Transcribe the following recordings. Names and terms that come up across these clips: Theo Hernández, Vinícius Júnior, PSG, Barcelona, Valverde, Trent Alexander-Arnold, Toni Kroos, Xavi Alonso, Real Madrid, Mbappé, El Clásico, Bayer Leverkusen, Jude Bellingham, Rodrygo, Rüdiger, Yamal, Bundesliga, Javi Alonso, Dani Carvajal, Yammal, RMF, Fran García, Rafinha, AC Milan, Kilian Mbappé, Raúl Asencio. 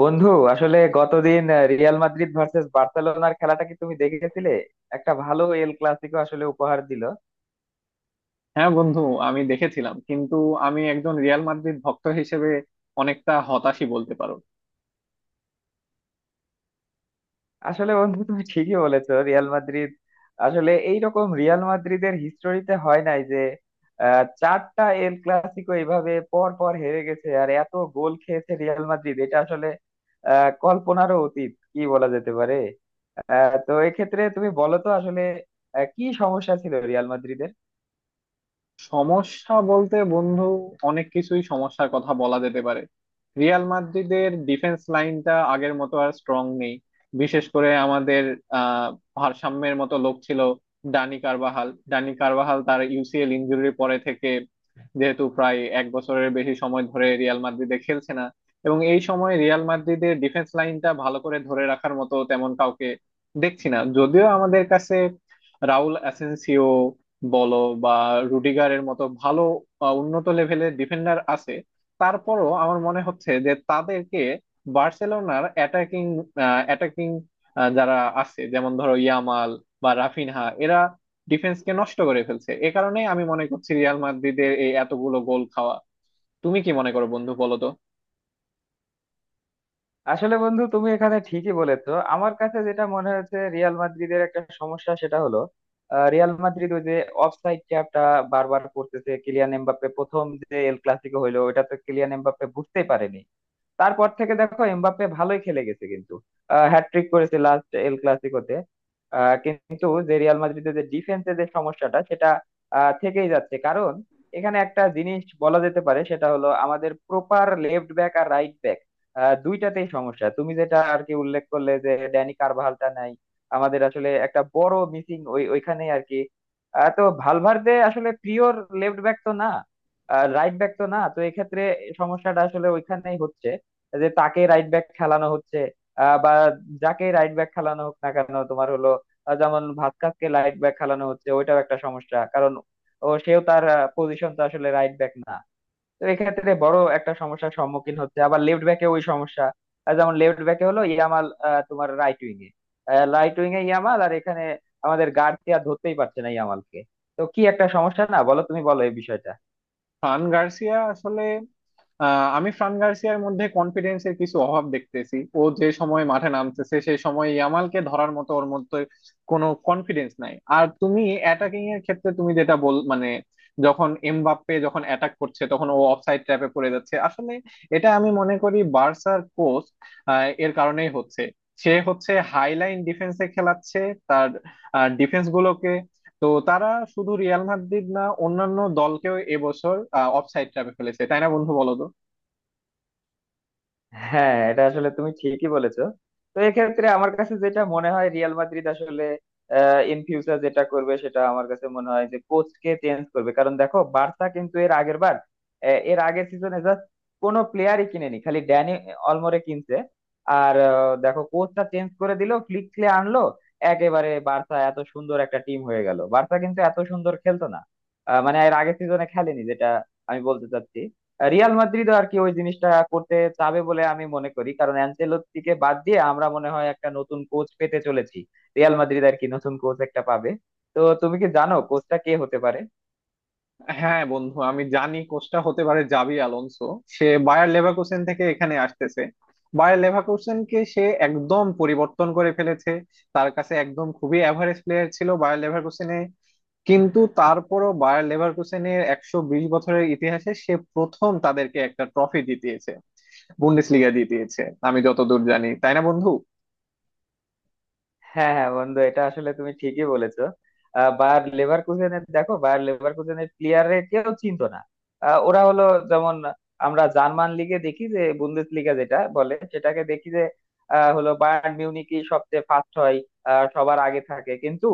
বন্ধু আসলে গতদিন রিয়াল মাদ্রিদ ভার্সেস বার্সেলোনার খেলাটা কি তুমি দেখেছিলে? একটা ভালো এল ক্লাসিকো আসলে উপহার দিল। হ্যাঁ বন্ধু, আমি দেখেছিলাম। কিন্তু আমি একজন রিয়াল মাদ্রিদ ভক্ত হিসেবে অনেকটা হতাশই বলতে পারো। আসলে বন্ধু তুমি ঠিকই বলেছো, রিয়াল মাদ্রিদ আসলে এইরকম রিয়াল মাদ্রিদের হিস্টোরিতে হয় নাই যে চারটা এল ক্লাসিকো এইভাবে পর পর হেরে গেছে আর এত গোল খেয়েছে রিয়াল মাদ্রিদ, এটা আসলে কল্পনারও অতীত কি বলা যেতে পারে। তো এক্ষেত্রে তুমি বলো তো আসলে কি সমস্যা ছিল রিয়াল মাদ্রিদের। সমস্যা বলতে বন্ধু, অনেক কিছুই সমস্যার কথা বলা যেতে পারে। রিয়াল মাদ্রিদের ডিফেন্স লাইনটা আগের মতো আর স্ট্রং নেই। বিশেষ করে আমাদের আহ ভারসাম্যের মতো লোক ছিল। ডানি কারবাহাল তার ইউসিএল ইনজুরির পরে থেকে, যেহেতু প্রায় এক বছরের বেশি সময় ধরে রিয়াল মাদ্রিদে খেলছে না, এবং এই সময় রিয়াল মাদ্রিদের ডিফেন্স লাইনটা ভালো করে ধরে রাখার মতো তেমন কাউকে দেখছি না। যদিও আমাদের কাছে রাউল অ্যাসেনসিও বলো বা রুডিগারের মতো ভালো উন্নত লেভেলের ডিফেন্ডার আছে, তারপরও আমার মনে হচ্ছে যে তাদেরকে বার্সেলোনার অ্যাটাকিং, অ্যাটাকিং যারা আছে যেমন ধরো ইয়ামাল বা রাফিনহা, এরা ডিফেন্সকে নষ্ট করে ফেলছে। এ কারণেই আমি মনে করছি রিয়াল মাদ্রিদের এই এতগুলো গোল খাওয়া। তুমি কি মনে করো বন্ধু, বলো তো? আসলে বন্ধু তুমি এখানে ঠিকই বলেছো, আমার কাছে যেটা মনে হয়েছে রিয়াল মাদ্রিদের একটা সমস্যা সেটা হলো রিয়াল মাদ্রিদ ওই যে অফসাইড ট্যাপটা বারবার করতেছে। কিলিয়ান এমবাপ্পে প্রথম যে এল ক্লাসিকো হইলো ওটা তো কিলিয়ান এমবাপ্পে বুঝতেই পারেনি। তারপর থেকে দেখো এমবাপ্পে ভালোই খেলে গেছে, কিন্তু হ্যাটট্রিক করেছে লাস্ট এল ক্লাসিকোতে। কিন্তু যে রিয়াল মাদ্রিদের যে ডিফেন্সের যে সমস্যাটা সেটা থেকেই যাচ্ছে। কারণ এখানে একটা জিনিস বলা যেতে পারে সেটা হলো, আমাদের প্রপার লেফট ব্যাক আর রাইট ব্যাক দুইটাতেই সমস্যা। তুমি যেটা আর কি উল্লেখ করলে যে ড্যানি কারভালটা নাই, আমাদের আসলে একটা বড় মিসিং ওইখানেই আর কি। তো ভালভার্দে আসলে পিওর লেফট ব্যাক তো না, রাইট ব্যাক তো না, তো এক্ষেত্রে সমস্যাটা আসলে ওইখানেই হচ্ছে যে তাকে রাইট ব্যাক খেলানো হচ্ছে বা যাকে রাইট ব্যাক খেলানো হোক না কেন তোমার হলো যেমন ভাস্কাসকে রাইট ব্যাক খেলানো হচ্ছে, ওইটাও একটা সমস্যা। কারণ ও সেও তার পজিশন তো আসলে রাইট ব্যাক না, তো এক্ষেত্রে বড় একটা সমস্যার সম্মুখীন হচ্ছে। আবার লেফট ব্যাকে ওই সমস্যা, যেমন লেফট ব্যাকে হলো ইয়ামাল, তোমার রাইট উইং এ রাইট উইং এ ইয়ামাল, আর এখানে আমাদের গার্ড আর ধরতেই পারছে না ইয়ামালকে। তো কি একটা সমস্যা না, বলো তুমি, বলো এই বিষয়টা। ফ্রান গার্সিয়া আসলে, আমি ফ্রান গার্সিয়ার মধ্যে কনফিডেন্সের কিছু অভাব দেখতেছি। ও যে সময় মাঠে নামতেছে সেই সময় ইয়ামালকে ধরার মতো ওর মধ্যে কোনো কনফিডেন্স নাই। আর তুমি অ্যাটাকিং এর ক্ষেত্রে তুমি যেটা বল, মানে যখন এমবাপ্পে যখন অ্যাটাক করছে তখন ও অফসাইড ট্র্যাপে পড়ে যাচ্ছে আসলে। এটা আমি মনে করি বার্সার কোচ এর কারণেই হচ্ছে। সে হচ্ছে হাইলাইন ডিফেন্সে খেলাচ্ছে তার ডিফেন্স গুলোকে। তো তারা শুধু রিয়াল মাদ্রিদ না, অন্যান্য দলকেও এবছর অফসাইড ট্র্যাপে ফেলেছে, তাই না বন্ধু, বলো তো? হ্যাঁ, এটা আসলে তুমি ঠিকই বলেছো। তো এক্ষেত্রে আমার কাছে যেটা মনে হয় রিয়াল মাদ্রিদ আসলে ইন ফিউচার যেটা করবে সেটা আমার কাছে মনে হয় যে কোচকে চেঞ্জ করবে। কারণ দেখো বার্সা কিন্তু এর আগের বার এর আগের সিজনে জাস্ট কোনো প্লেয়ারই কিনেনি, খালি ড্যানি অলমোরে কিনছে আর দেখো কোচটা চেঞ্জ করে দিল, ফ্লিক ক্লে আনলো, একেবারে বার্সা এত সুন্দর একটা টিম হয়ে গেল। বার্সা কিন্তু এত সুন্দর খেলতো না মানে এর আগের সিজনে খেলেনি, যেটা আমি বলতে চাচ্ছি। রিয়াল মাদ্রিদ আর কি ওই জিনিসটা করতে চাবে বলে আমি মনে করি, কারণ অ্যানচেলত্তিকে বাদ দিয়ে আমরা মনে হয় একটা নতুন কোচ পেতে চলেছি। রিয়াল মাদ্রিদ আর কি নতুন কোচ একটা পাবে। তো তুমি কি জানো কোচটা কে হতে পারে? হ্যাঁ বন্ধু, আমি জানি কোচটা হতে পারে জাবি আলোনসো। সে বায়ার লেভারকুসেন থেকে এখানে আসতেছে। বায়ার লেভারকুসেনকে সে একদম পরিবর্তন করে ফেলেছে। তার কাছে একদম খুবই অ্যাভারেজ প্লেয়ার ছিল বায়ার লেভারকুসেনে, কিন্তু তারপরও বায়ার লেভারকুসেনের 120 বছরের ইতিহাসে সে প্রথম তাদেরকে একটা ট্রফি জিতিয়েছে, বুন্ডেসলিগা জিতিয়েছে। আমি যতদূর জানি, তাই না বন্ধু? হ্যাঁ হ্যাঁ বন্ধু, এটা আসলে তুমি ঠিকই বলেছো। বায়ার লেভারকুসেনের, দেখো বায়ার লেভারকুসেনের প্লেয়াররা কেউ চিনতো না। ওরা হলো যেমন, আমরা জার্মান লিগে দেখি যে বুন্দেস লিগা যেটা বলে সেটাকে দেখি যে হলো বায়ার্ন মিউনিখই সবচেয়ে ফার্স্ট হয় সবার আগে থাকে, কিন্তু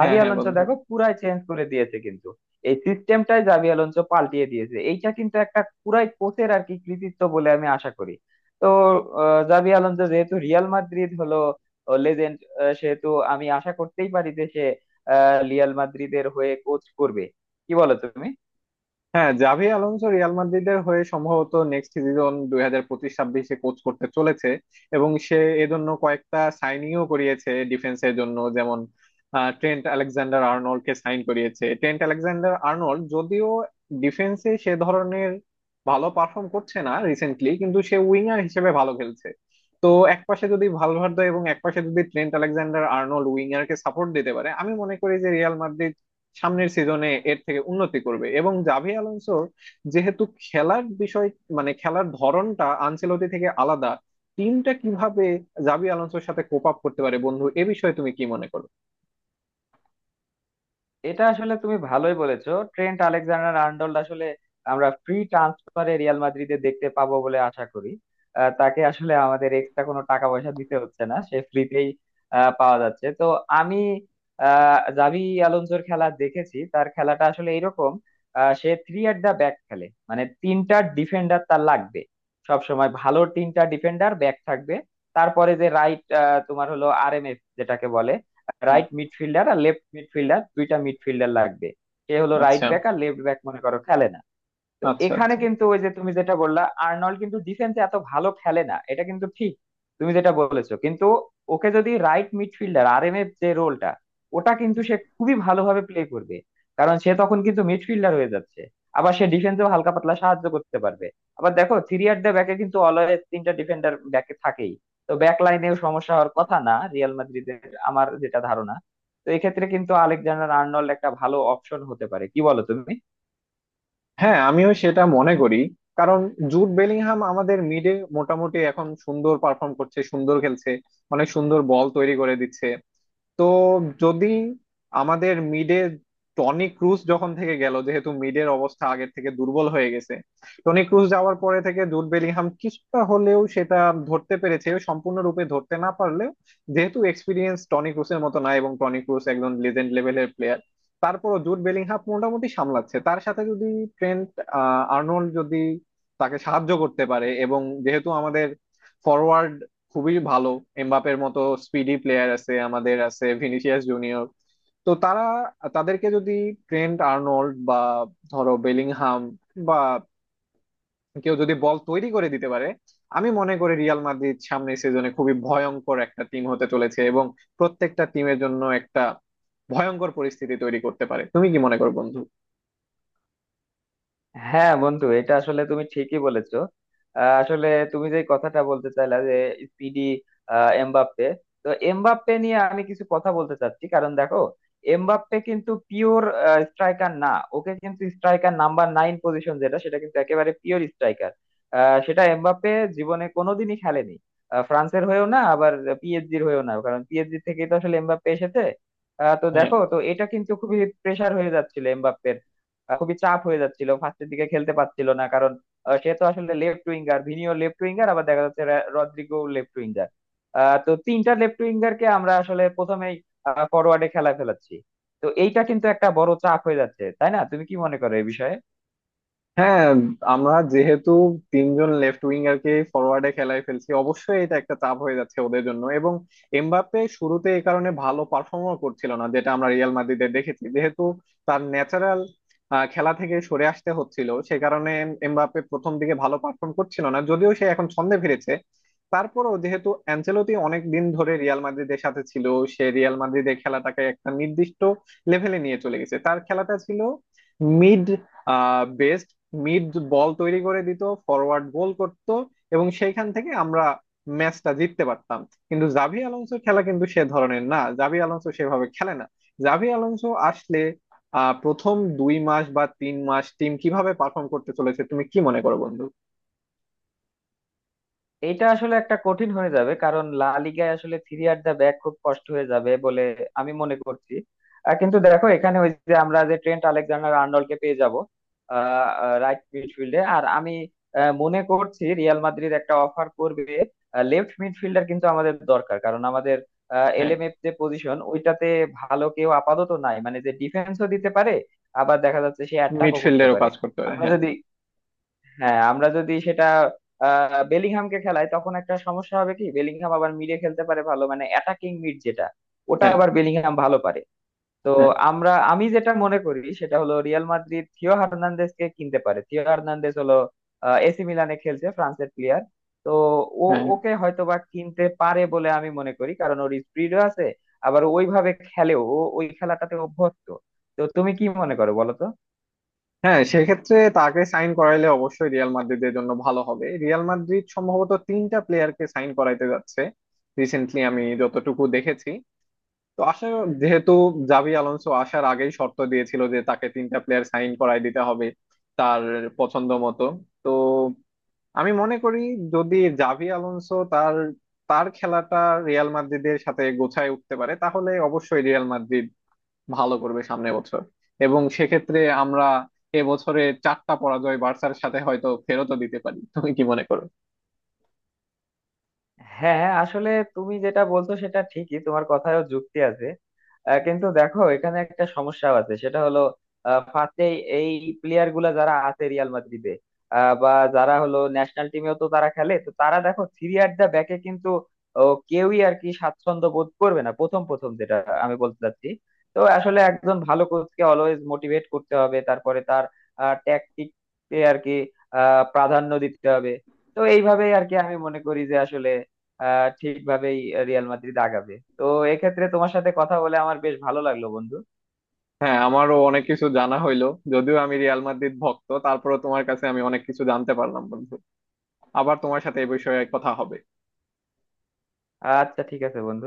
হ্যাঁ হ্যাঁ আলোনসো বন্ধু। দেখো পুরাই চেঞ্জ করে দিয়েছে। কিন্তু এই সিস্টেমটাই জাভি আলোনসো পাল্টিয়ে দিয়েছে, এইটা কিন্তু একটা পুরাই কোচের আর কি কৃতিত্ব বলে আমি আশা করি। তো জাভি আলোনসো যেহেতু রিয়াল মাদ্রিদ হলো লেজেন্ড, সেহেতু আমি আশা করতেই পারি যে সে রিয়াল মাদ্রিদের হয়ে কোচ করবে। কি বলো তুমি? হ্যাঁ, জাভি আলোনসো রিয়াল মাদ্রিদের হয়ে সম্ভবত নেক্সট সিজন 2025-26-এ কোচ করতে চলেছে, এবং সে এজন্য কয়েকটা সাইনিংও করিয়েছে ডিফেন্সের জন্য। যেমন ট্রেন্ট আলেকজান্ডার আর্নল্ড কে সাইন করিয়েছে। ট্রেন্ট আলেকজান্ডার আর্নল্ড যদিও ডিফেন্সে সে ধরনের ভালো পারফর্ম করছে না রিসেন্টলি, কিন্তু সে উইঙ্গার হিসেবে ভালো খেলছে। তো একপাশে যদি ভালভার্দে এবং একপাশে যদি ট্রেন্ট আলেকজান্ডার আর্নল্ড উইঙ্গার কে সাপোর্ট দিতে পারে, আমি মনে করি যে রিয়াল মাদ্রিদ সামনের সিজনে এর থেকে উন্নতি করবে। এবং জাভি আলোনসোর যেহেতু খেলার বিষয়, মানে খেলার ধরনটা আনচেলতি থেকে আলাদা, টিমটা কিভাবে জাভি আলোনসোর সাথে কোপ আপ করতে পারে বন্ধু, এ বিষয়ে তুমি কি মনে করো? এটা আসলে তুমি ভালোই বলেছো। ট্রেন্ট আলেকজান্ডার আর্নল্ড আসলে আমরা ফ্রি ট্রান্সফারে রিয়াল মাদ্রিদে দেখতে পাবো বলে আশা করি। তাকে আসলে আমাদের এক্সট্রা কোনো টাকা পয়সা দিতে হচ্ছে না, সে ফ্রিতেই পাওয়া যাচ্ছে। তো আমি জাভি আলোনসোর খেলা দেখেছি, তার খেলাটা আসলে এরকম— সে থ্রি অ্যাট দা ব্যাক খেলে, মানে তিনটা ডিফেন্ডার তার লাগবে। সব সময় ভালো তিনটা ডিফেন্ডার ব্যাক থাকবে, তারপরে যে রাইট তোমার হলো আরএমএফ যেটাকে বলে, হুম। রাইট মিডফিল্ডার আর লেফট মিডফিল্ডার, দুইটা মিডফিল্ডার লাগবে। সে হলো রাইট আচ্ছা। ব্যাক আর লেফট ব্যাক মনে করো খেলে না। তো আচ্ছা এখানে আচ্ছা। কিন্তু ওই যে তুমি যেটা বললা, আর্নল্ড কিন্তু ডিফেন্সে এত ভালো খেলে না, এটা কিন্তু ঠিক তুমি যেটা বলেছো। কিন্তু ওকে যদি রাইট মিডফিল্ডার আরএমএফ যে রোলটা, ওটা কিন্তু সে খুবই ভালোভাবে প্লে করবে। কারণ সে তখন কিন্তু মিডফিল্ডার হয়ে যাচ্ছে, আবার সে ডিফেন্সেও হালকা পাতলা সাহায্য করতে পারবে। আবার দেখো থ্রি অ্যাট দ্য ব্যাকে কিন্তু অলওয়েজ তিনটা ডিফেন্ডার ব্যাকে থাকেই, তো ব্যাক লাইনেও সমস্যা হওয়ার কথা না রিয়াল মাদ্রিদের, আমার যেটা ধারণা। তো এক্ষেত্রে কিন্তু আলেকজান্ডার আর্নল্ড একটা ভালো অপশন হতে পারে, কি বলো তুমি? হ্যাঁ, আমিও সেটা মনে করি। কারণ জুড বেলিংহাম আমাদের মিডে মোটামুটি এখন সুন্দর পারফর্ম করছে, সুন্দর খেলছে, অনেক সুন্দর বল তৈরি করে দিচ্ছে। তো যদি আমাদের মিডে, টনি ক্রুস যখন থেকে গেল যেহেতু মিডের অবস্থা আগের থেকে দুর্বল হয়ে গেছে, টনি ক্রুস যাওয়ার পরে থেকে জুড বেলিংহাম কিছুটা হলেও সেটা ধরতে পেরেছে। সম্পূর্ণরূপে ধরতে না পারলেও, যেহেতু এক্সপিরিয়েন্স টনি ক্রুসের মতো না, এবং টনি ক্রুস একজন লেজেন্ড লেভেলের প্লেয়ার, তারপরও জুড বেলিংহাম মোটামুটি সামলাচ্ছে। তার সাথে যদি ট্রেন্ট আর্নল্ড যদি তাকে সাহায্য করতে পারে, এবং যেহেতু আমাদের ফরওয়ার্ড খুবই ভালো, এমবাপের মতো স্পিডি প্লেয়ার আছে, আমাদের আছে ভিনিসিয়াস জুনিয়র, তো তারা, তাদেরকে যদি ট্রেন্ট আর্নল্ড বা ধরো বেলিংহাম বা কেউ যদি বল তৈরি করে দিতে পারে, আমি মনে করি রিয়াল মাদ্রিদ সামনের সিজনে খুবই ভয়ঙ্কর একটা টিম হতে চলেছে, এবং প্রত্যেকটা টিমের জন্য একটা ভয়ঙ্কর পরিস্থিতি তৈরি করতে পারে। তুমি কি মনে করো বন্ধু? হ্যাঁ বন্ধু, এটা আসলে তুমি ঠিকই বলেছো। আসলে তুমি যে কথাটা বলতে চাইলা যে স্পিডি এমবাপ্পে, তো এমবাপ্পে নিয়ে আমি কিছু কথা বলতে চাচ্ছি। কারণ দেখো এমবাপ্পে কিন্তু পিওর স্ট্রাইকার না। ওকে কিন্তু স্ট্রাইকার নাম্বার নাইন পজিশন যেটা সেটা কিন্তু একেবারে পিওর স্ট্রাইকার, সেটা এমবাপ্পে জীবনে কোনোদিনই খেলেনি। ফ্রান্সের হয়েও না, আবার পিএসজির হয়েও না, কারণ পিএসজি থেকেই তো আসলে এমবাপ্পে এসেছে। তো হ্যাঁ। দেখো তো এটা কিন্তু খুবই প্রেসার হয়ে যাচ্ছিল এমবাপ্পে, খুবই চাপ হয়ে যাচ্ছিল, ফার্স্টের দিকে খেলতে পারছিল না। কারণ সে তো আসলে লেফট উইঙ্গার, ভিনিও লেফট উইঙ্গার, আবার দেখা যাচ্ছে রদ্রিগো লেফট উইঙ্গার। তো তিনটা লেফট উইঙ্গারকে আমরা আসলে প্রথমেই ফরওয়ার্ডে খেলা ফেলাচ্ছি, তো এইটা কিন্তু একটা বড় চাপ হয়ে যাচ্ছে তাই না? তুমি কি মনে করো এই বিষয়ে? হ্যাঁ, আমরা যেহেতু 3 জন লেফট উইঙ্গারকে ফরওয়ার্ডে খেলায় ফেলছি, অবশ্যই এটা একটা চাপ হয়ে যাচ্ছে ওদের জন্য। এবং এমবাপ্পে শুরুতে এই কারণে ভালো পারফর্মও করছিল না, যেটা আমরা রিয়াল মাদ্রিদে দেখেছি। যেহেতু তার ন্যাচারাল খেলা থেকে সরে আসতে হচ্ছিল, সে কারণে এমবাপ্পে প্রথম দিকে ভালো পারফর্ম করছিল না, যদিও সে এখন ছন্দে ফিরেছে। তারপরও যেহেতু অ্যানচেলোতি অনেক দিন ধরে রিয়াল মাদ্রিদের সাথে ছিল, সে রিয়াল মাদ্রিদের খেলাটাকে একটা নির্দিষ্ট লেভেলে নিয়ে চলে গেছে। তার খেলাটা ছিল, মিড, মিড বল তৈরি করে দিত, ফরওয়ার্ড গোল করত, এবং সেইখান থেকে আমরা ম্যাচটা জিততে পারতাম। কিন্তু জাভি আলোনসোর খেলা কিন্তু সে ধরনের না, জাভি আলোনসো সেভাবে খেলে না। জাভি আলোনসো আসলে, প্রথম 2 মাস বা 3 মাস টিম কিভাবে পারফর্ম করতে চলেছে, তুমি কি মনে করো বন্ধু? এটা আসলে একটা কঠিন হয়ে যাবে, কারণ লা লিগায় আসলে থ্রি আর দা ব্যাক খুব কষ্ট হয়ে যাবে বলে আমি মনে করছি। কিন্তু দেখো এখানে ওই যে আমরা যে ট্রেন্ট আলেকজান্ডার আর্নল্ডকে পেয়ে যাব রাইট মিডফিল্ডে, আর আমি মনে করছি রিয়াল মাদ্রিদ একটা অফার করবে। লেফট মিডফিল্ডার কিন্তু আমাদের দরকার, কারণ আমাদের হ্যাঁ। এলএমএফ যে পজিশন ওইটাতে ভালো কেউ আপাতত নাই, মানে যে ডিফেন্সও দিতে পারে আবার দেখা যাচ্ছে সে অ্যাটাকও করতে মিডফিল্ডেরও পারে। কাজ করতে পারে, আমরা হ্যাঁ। যদি হ্যাঁ, আমরা যদি সেটা বেলিংহামকে খেলাই তখন একটা সমস্যা হবে কি, বেলিংহাম আবার মিডে খেলতে পারে ভালো, মানে অ্যাটাকিং মিড যেটা, ওটা হ্যাঁ। আবার বেলিংহাম ভালো পারে। তো হ্যাঁ। আমি যেটা মনে করি সেটা হলো রিয়াল মাদ্রিদ থিও হার্নান্দেজ কে কিনতে পারে। থিও হার্নান্দেজ হলো এসি মিলানে খেলছে, ফ্রান্সের প্লেয়ার। তো ও হ্যাঁ। ওকে হয়তোবা কিনতে পারে বলে আমি মনে করি, কারণ ওর স্পিডও আছে। আবার ওইভাবে খেলেও ও ওই খেলাটাতে অভ্যস্ত। তো তুমি কি মনে করো, বলো তো? হ্যাঁ, সেক্ষেত্রে তাকে সাইন করাইলে অবশ্যই রিয়াল মাদ্রিদের জন্য ভালো হবে। রিয়াল মাদ্রিদ সম্ভবত 3 টা প্লেয়ারকে সাইন করাইতে যাচ্ছে রিসেন্টলি আমি যতটুকু দেখেছি। তো আশা, যেহেতু জাভি আলোনসো আসার আগেই শর্ত দিয়েছিল যে তাকে 3 টা প্লেয়ার সাইন করায় দিতে হবে তার পছন্দ মতো, তো আমি মনে করি যদি জাভি আলোনসো তার, তার খেলাটা রিয়াল মাদ্রিদের সাথে গোছায় উঠতে পারে, তাহলে অবশ্যই রিয়াল মাদ্রিদ ভালো করবে সামনের বছর। এবং সেক্ষেত্রে আমরা এবছরে 4 টা পরাজয় বার্সার সাথে হয়তো ফেরতও দিতে পারি। তুমি কি মনে করো? হ্যাঁ আসলে তুমি যেটা বলছো সেটা ঠিকই, তোমার কথায়ও যুক্তি আছে। কিন্তু দেখো এখানে একটা সমস্যা আছে, সেটা হলো ফার্স্টে এই প্লেয়ার গুলা যারা আছে রিয়াল মাদ্রিদে বা যারা হলো ন্যাশনাল টিমেও তো তারা খেলে, তো তারা দেখো থ্রি অ্যাট দা ব্যাকে কিন্তু ও, কেউই আর কি স্বাচ্ছন্দ্য বোধ করবে না প্রথম প্রথম, যেটা আমি বলতে চাচ্ছি। তো আসলে একজন ভালো কোচকে অলওয়েজ মোটিভেট করতে হবে, তারপরে তার ট্যাকটিক আর কি প্রাধান্য দিতে হবে। তো এইভাবেই আর কি আমি মনে করি যে আসলে ঠিকভাবেই রিয়াল মাদ্রিদ আগাবে। তো এক্ষেত্রে তোমার সাথে কথা বলে আমার বেশ ভালো লাগলো বন্ধু। হ্যাঁ, আমারও অনেক কিছু জানা হইলো। যদিও আমি রিয়াল মাদ্রিদ ভক্ত, তারপরেও তোমার কাছে আমি অনেক কিছু জানতে পারলাম বন্ধু। আবার তোমার সাথে এ বিষয়ে কথা হবে। আচ্ছা ঠিক আছে বন্ধু।